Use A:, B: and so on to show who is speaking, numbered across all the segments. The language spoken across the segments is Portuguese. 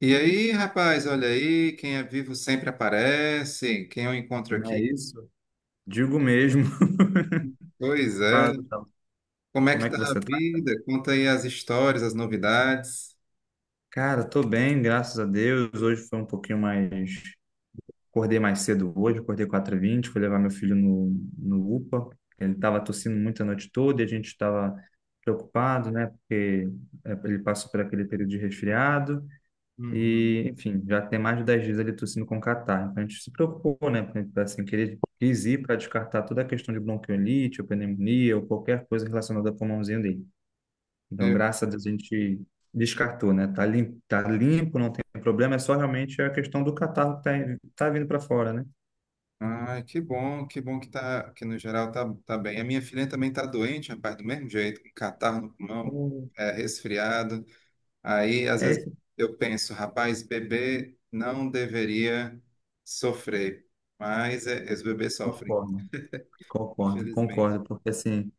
A: E aí, rapaz, olha aí, quem é vivo sempre aparece, quem eu encontro
B: Não é
A: aqui.
B: isso? Digo mesmo.
A: Pois
B: Fala,
A: é,
B: Gustavo.
A: como é
B: Como
A: que
B: é
A: tá
B: que
A: a
B: você tá?
A: vida? Conta aí as histórias, as novidades.
B: Cara, tô bem, graças a Deus. Hoje foi um pouquinho mais. Acordei mais cedo hoje, acordei quatro h 20 fui levar meu filho no UPA. Ele tava tossindo muito a noite toda e a gente estava preocupado, né? Porque ele passou por aquele período de resfriado
A: Uhum.
B: e, enfim, já tem mais de 10 dias ele tossindo com catarro. Então a gente se preocupou, né? Porque, assim, querer quis ir para descartar toda a questão de bronquiolite, ou pneumonia ou qualquer coisa relacionada ao pulmãozinho dele. Então,
A: Eu-
B: graças a Deus, a gente descartou, né? Tá limpo, não tem problema, é só realmente a questão do catarro que tá vindo para fora, né?
A: Ai, que bom, que bom que tá, que no geral tá bem. A minha filha também tá doente, rapaz, do mesmo jeito, com catarro no pulmão,
B: Então,
A: é, resfriado. Aí, às
B: é
A: vezes,
B: isso.
A: eu penso, rapaz, bebê não deveria sofrer, mas é, os bebês sofrem,
B: Concordo, concordo,
A: infelizmente.
B: concordo, porque assim,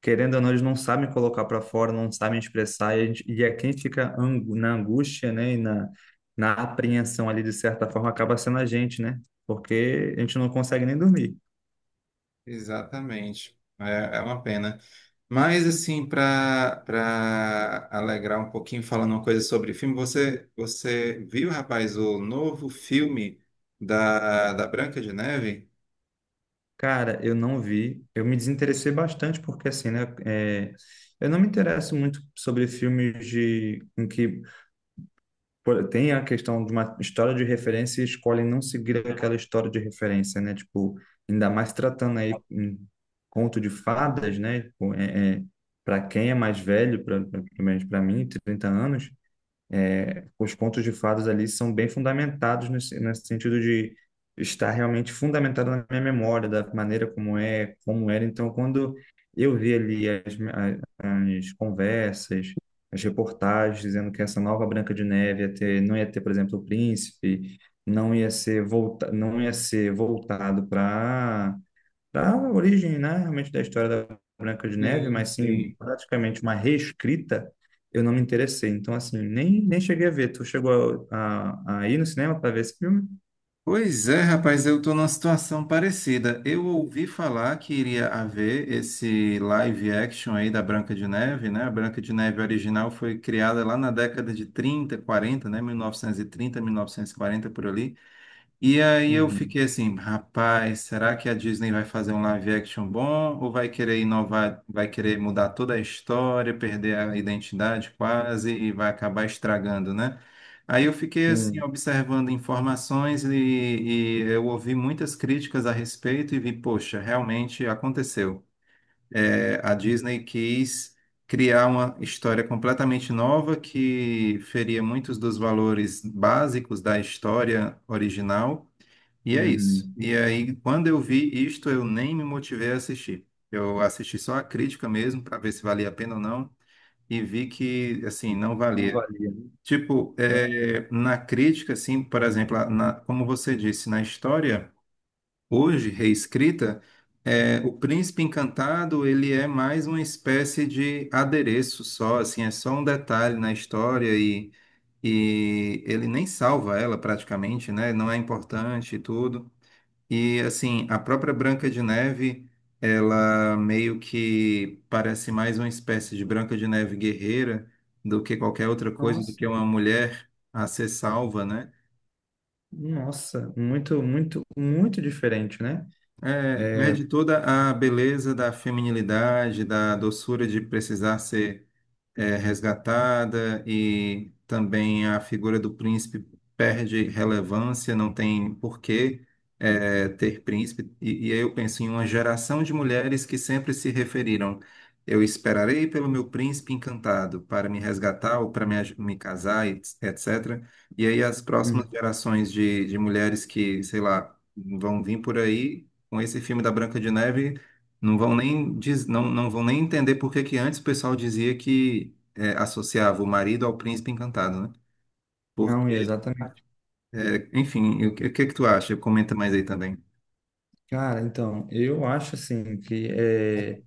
B: querendo ou não, eles não sabem colocar para fora, não sabem expressar, e, a gente, e é quem fica na angústia, né? E na apreensão ali, de certa forma, acaba sendo a gente, né? Porque a gente não consegue nem dormir.
A: Exatamente. É, é uma pena. Mas, assim, para alegrar um pouquinho, falando uma coisa sobre filme, você viu, rapaz, o novo filme da Branca de Neve?
B: Cara, eu não vi. Eu me desinteressei bastante porque, assim, né? Eu não me interesso muito sobre filmes em que pô, tem a questão de uma história de referência e escolhem não seguir aquela história de referência, né? Tipo, ainda mais tratando aí um conto de fadas, né? Tipo, para quem é mais velho, pelo menos para mim, 30 anos, os contos de fadas ali são bem fundamentados nesse sentido de estar realmente fundamentado na minha memória, da maneira como é, como era. Então, quando eu vi ali as conversas, as reportagens dizendo que essa nova Branca de Neve ia ter, não ia ter, por exemplo, o príncipe, não ia ser voltado para da origem, né, realmente da história da Branca de Neve,
A: Sim,
B: mas sim
A: sim.
B: praticamente uma reescrita, eu não me interessei. Então, assim, nem cheguei a ver. Tu chegou a ir no cinema para ver esse filme?
A: Pois é, rapaz, eu estou numa situação parecida. Eu ouvi falar que iria haver esse live action aí da Branca de Neve, né? A Branca de Neve original foi criada lá na década de trinta, quarenta, né? Mil novecentos e trinta, 1940, por ali. E aí eu
B: Uhum.
A: fiquei assim, rapaz, será que a Disney vai fazer um live action bom ou vai querer inovar, vai querer mudar toda a história, perder a identidade quase e vai acabar estragando, né? Aí eu fiquei assim
B: Sim.
A: observando informações e eu ouvi muitas críticas a respeito e vi, poxa, realmente aconteceu. É, a Disney quis criar uma história completamente nova que feria muitos dos valores básicos da história original e é isso.
B: Uhum.
A: E aí, quando eu vi isto, eu nem me motivei a assistir. Eu assisti só a crítica mesmo, para ver se valia a pena ou não, e vi que, assim, não
B: Não
A: valia.
B: valia, né?
A: Tipo,
B: É,
A: é, na crítica, assim, por exemplo, como você disse, na história, hoje, reescrita, é, o Príncipe Encantado, ele é mais uma espécie de adereço só, assim, é só um detalhe na história e ele nem salva ela praticamente, né? Não é importante e tudo. E assim, a própria Branca de Neve, ela meio que parece mais uma espécie de Branca de Neve guerreira do que qualquer outra coisa, do
B: nossa,
A: que uma mulher a ser salva, né?
B: nossa, muito, muito, muito diferente, né?
A: É, perde toda a beleza da feminilidade, da doçura de precisar ser resgatada e também a figura do príncipe perde relevância, não tem porquê ter príncipe. E aí eu penso em uma geração de mulheres que sempre se referiram. Eu esperarei pelo meu príncipe encantado para me resgatar ou para me casar, etc. E aí as próximas
B: Uhum.
A: gerações de mulheres que, sei lá, vão vir por aí com esse filme da Branca de Neve não vão nem entender por que que antes o pessoal dizia que associava o marido ao príncipe encantado, né?
B: Não,
A: Porque,
B: exatamente.
A: enfim, o que que tu acha? Comenta mais aí também.
B: Cara, então, eu acho assim que é.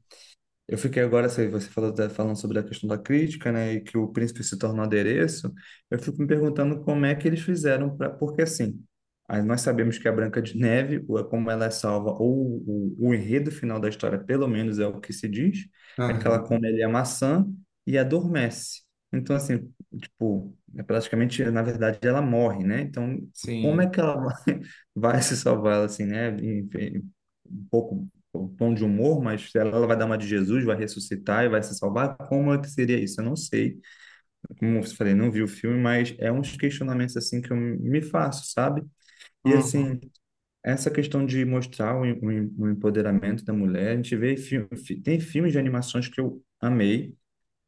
B: Eu fiquei agora, você falou, tá falando sobre a questão da crítica, né, e que o príncipe se tornou adereço, eu fico me perguntando como é que eles fizeram para, porque assim, aí nós sabemos que a Branca de Neve, ou é como ela é salva, ou o enredo final da história, pelo menos é o que se diz, é que ela
A: Aham.
B: come ali a maçã e adormece. Então assim, tipo, é praticamente, na verdade, ela morre, né? Então, como é
A: Sim.
B: que ela vai se salvar, assim, né? Enfim, um pouco o tom de humor, mas se ela vai dar uma de Jesus, vai ressuscitar e vai se salvar, como é que seria isso? Eu não sei. Como eu falei, não vi o filme, mas é uns questionamentos assim que eu me faço, sabe? E assim,
A: Uhum.
B: essa questão de mostrar o empoderamento da mulher, a gente vê filme, tem filmes de animações que eu amei,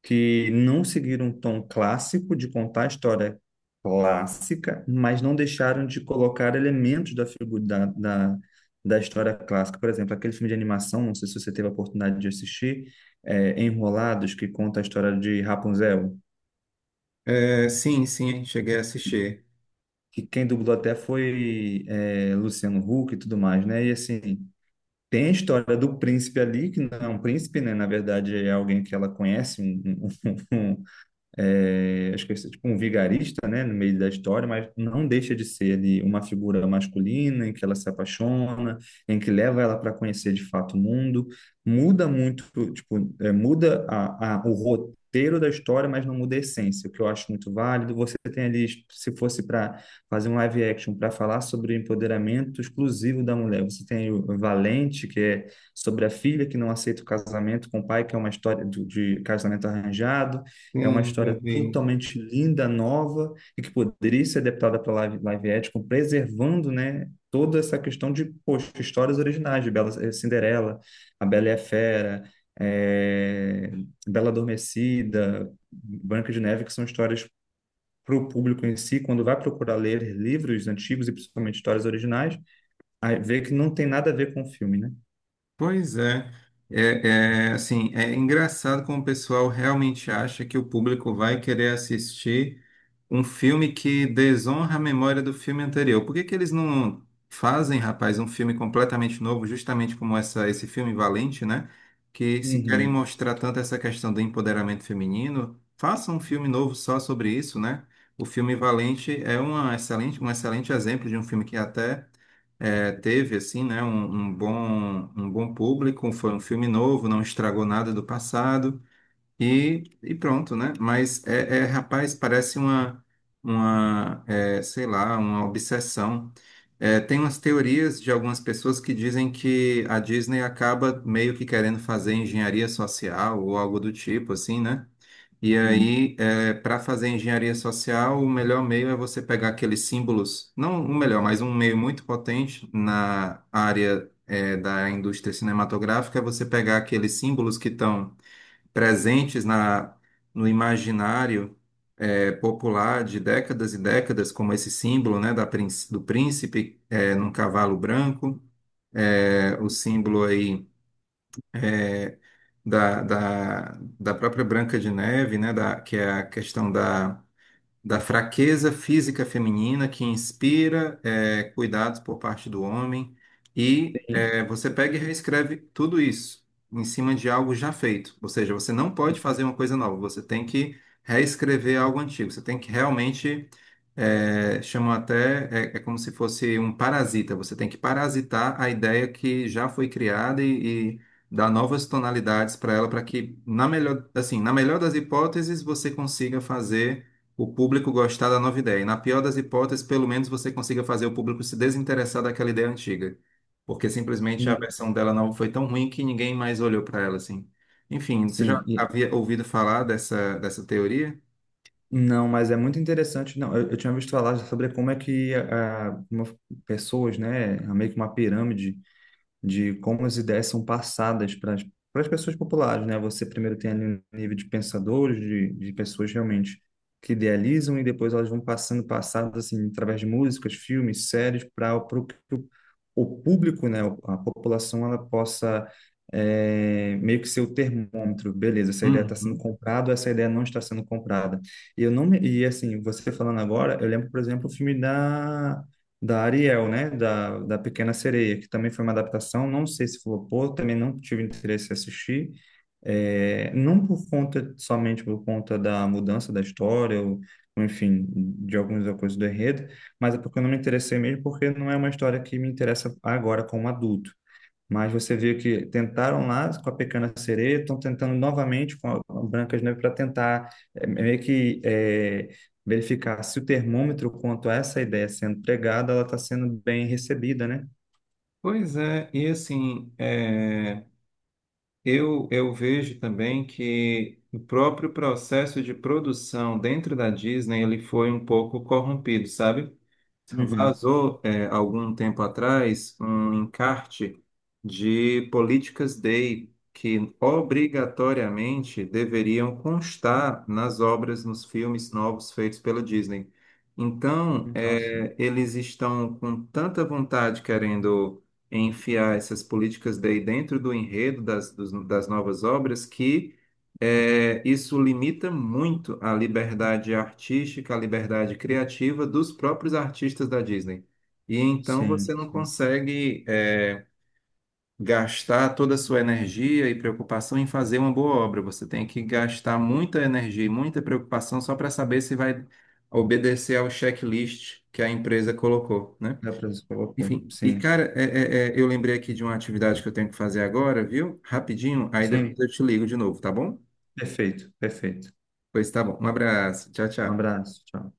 B: que não seguiram um tom clássico de contar a história clássica, mas não deixaram de colocar elementos da figura da história clássica. Por exemplo, aquele filme de animação, não sei se você teve a oportunidade de assistir, Enrolados, que conta a história de Rapunzel,
A: É, sim, sim, cheguei a assistir.
B: que quem dublou até foi Luciano Huck e tudo mais, né? E assim, tem a história do príncipe ali, que não é um príncipe, né? Na verdade, é alguém que ela conhece, um, um, acho que é tipo um vigarista, né, no meio da história, mas não deixa de ser ali uma figura masculina em que ela se apaixona, em que leva ela para conhecer de fato o mundo, muda muito, tipo, muda o roteiro da história, mas não muda a essência, o que eu acho muito válido. Você tem ali, se fosse para fazer um live action para falar sobre o empoderamento exclusivo da mulher, você tem o Valente, que é sobre a filha que não aceita o casamento com o pai, que é uma história de casamento arranjado. É uma
A: Sim, eu
B: história
A: vi.
B: totalmente linda, nova, e que poderia ser adaptada para live action, preservando, né, toda essa questão de, poxa, histórias originais de Bela, Cinderela, A Bela e a Fera, eh, Bela Adormecida, Branca de Neve, que são histórias para o público em si, quando vai procurar ler livros antigos e principalmente histórias originais, aí vê que não tem nada a ver com o filme, né?
A: Pois é. É, é, assim, é engraçado como o pessoal realmente acha que o público vai querer assistir um filme que desonra a memória do filme anterior. Por que que eles não fazem, rapaz, um filme completamente novo, justamente como esse filme Valente, né? Que se querem
B: Uhum.
A: mostrar tanto essa questão do empoderamento feminino, façam um filme novo só sobre isso, né? O filme Valente é um excelente exemplo de um filme que até teve assim, né, um bom público, foi um filme novo, não estragou nada do passado e pronto, né? Mas, rapaz, parece uma sei lá, uma obsessão. É, tem umas teorias de algumas pessoas que dizem que a Disney acaba meio que querendo fazer engenharia social ou algo do tipo, assim, né? E aí, para fazer engenharia social, o melhor meio é você pegar aqueles símbolos, não o melhor, mas um meio muito potente na área da indústria cinematográfica, é você pegar aqueles símbolos que estão presentes no imaginário popular de décadas e décadas, como esse símbolo, né, do príncipe num cavalo branco, o símbolo aí da, da, da própria Branca de Neve, né, que é a questão da fraqueza física feminina que inspira cuidados por parte do homem, e
B: Sim,
A: você pega e reescreve tudo isso em cima de algo já feito. Ou seja, você não pode fazer uma coisa nova, você tem que reescrever algo antigo, você tem que realmente chamam até, é como se fosse um parasita. Você tem que parasitar a ideia que já foi criada e dar novas tonalidades para ela, para que, assim, na melhor das hipóteses, você consiga fazer o público gostar da nova ideia. E na pior das hipóteses, pelo menos você consiga fazer o público se desinteressar daquela ideia antiga. Porque simplesmente a
B: sim.
A: versão dela nova foi tão ruim que ninguém mais olhou para ela, assim. Enfim, você já
B: Sim.
A: havia ouvido falar dessa teoria?
B: Não, mas é muito interessante. Não, eu tinha visto falar sobre como é que pessoas, né, meio que uma pirâmide, de como as ideias são passadas para as pessoas populares, né? Você primeiro tem ali um nível de pensadores, de pessoas realmente que idealizam e depois elas vão passando passadas assim através de músicas, filmes, séries para o público, né, a população ela possa meio que ser o termômetro, beleza? Essa ideia está sendo
A: Uhum.
B: comprada, ou essa ideia não está sendo comprada. E eu não me- e assim você falando agora, eu lembro por exemplo o filme da Ariel, né? Da Pequena Sereia, que também foi uma adaptação. Não sei se flopou, também não tive interesse em assistir. É, não por conta, somente por conta da mudança da história, ou, enfim, de algumas coisas do enredo, mas é porque eu não me interessei mesmo, porque não é uma história que me interessa agora como adulto. Mas você vê que tentaram lá com a Pequena Sereia, estão tentando novamente com a Branca de Neve para tentar meio que verificar se o termômetro quanto a essa ideia sendo pregada, ela está sendo bem recebida, né?
A: Pois é, e assim, eu vejo também que o próprio processo de produção dentro da Disney ele foi um pouco corrompido, sabe?
B: Uhum.
A: Vazou, algum tempo atrás um encarte de políticas Day que obrigatoriamente deveriam constar nas obras, nos filmes novos feitos pela Disney. Então,
B: Nossa,
A: eles estão com tanta vontade querendo enfiar essas políticas Day dentro do enredo das novas obras que isso limita muito a liberdade artística, a liberdade criativa dos próprios artistas da Disney. E então você
B: sim,
A: não
B: sim.
A: consegue, gastar toda a sua energia e preocupação em fazer uma boa obra. Você tem que gastar muita energia e muita preocupação só para saber se vai obedecer ao checklist que a empresa colocou, né?
B: Dá para você colocou.
A: Enfim, e
B: Sim,
A: cara, eu lembrei aqui de uma atividade que eu tenho que fazer agora, viu? Rapidinho, aí depois
B: sim.
A: eu te ligo de novo, tá bom?
B: Perfeito, perfeito.
A: Pois tá bom. Um abraço. Tchau,
B: Um
A: tchau.
B: abraço, tchau.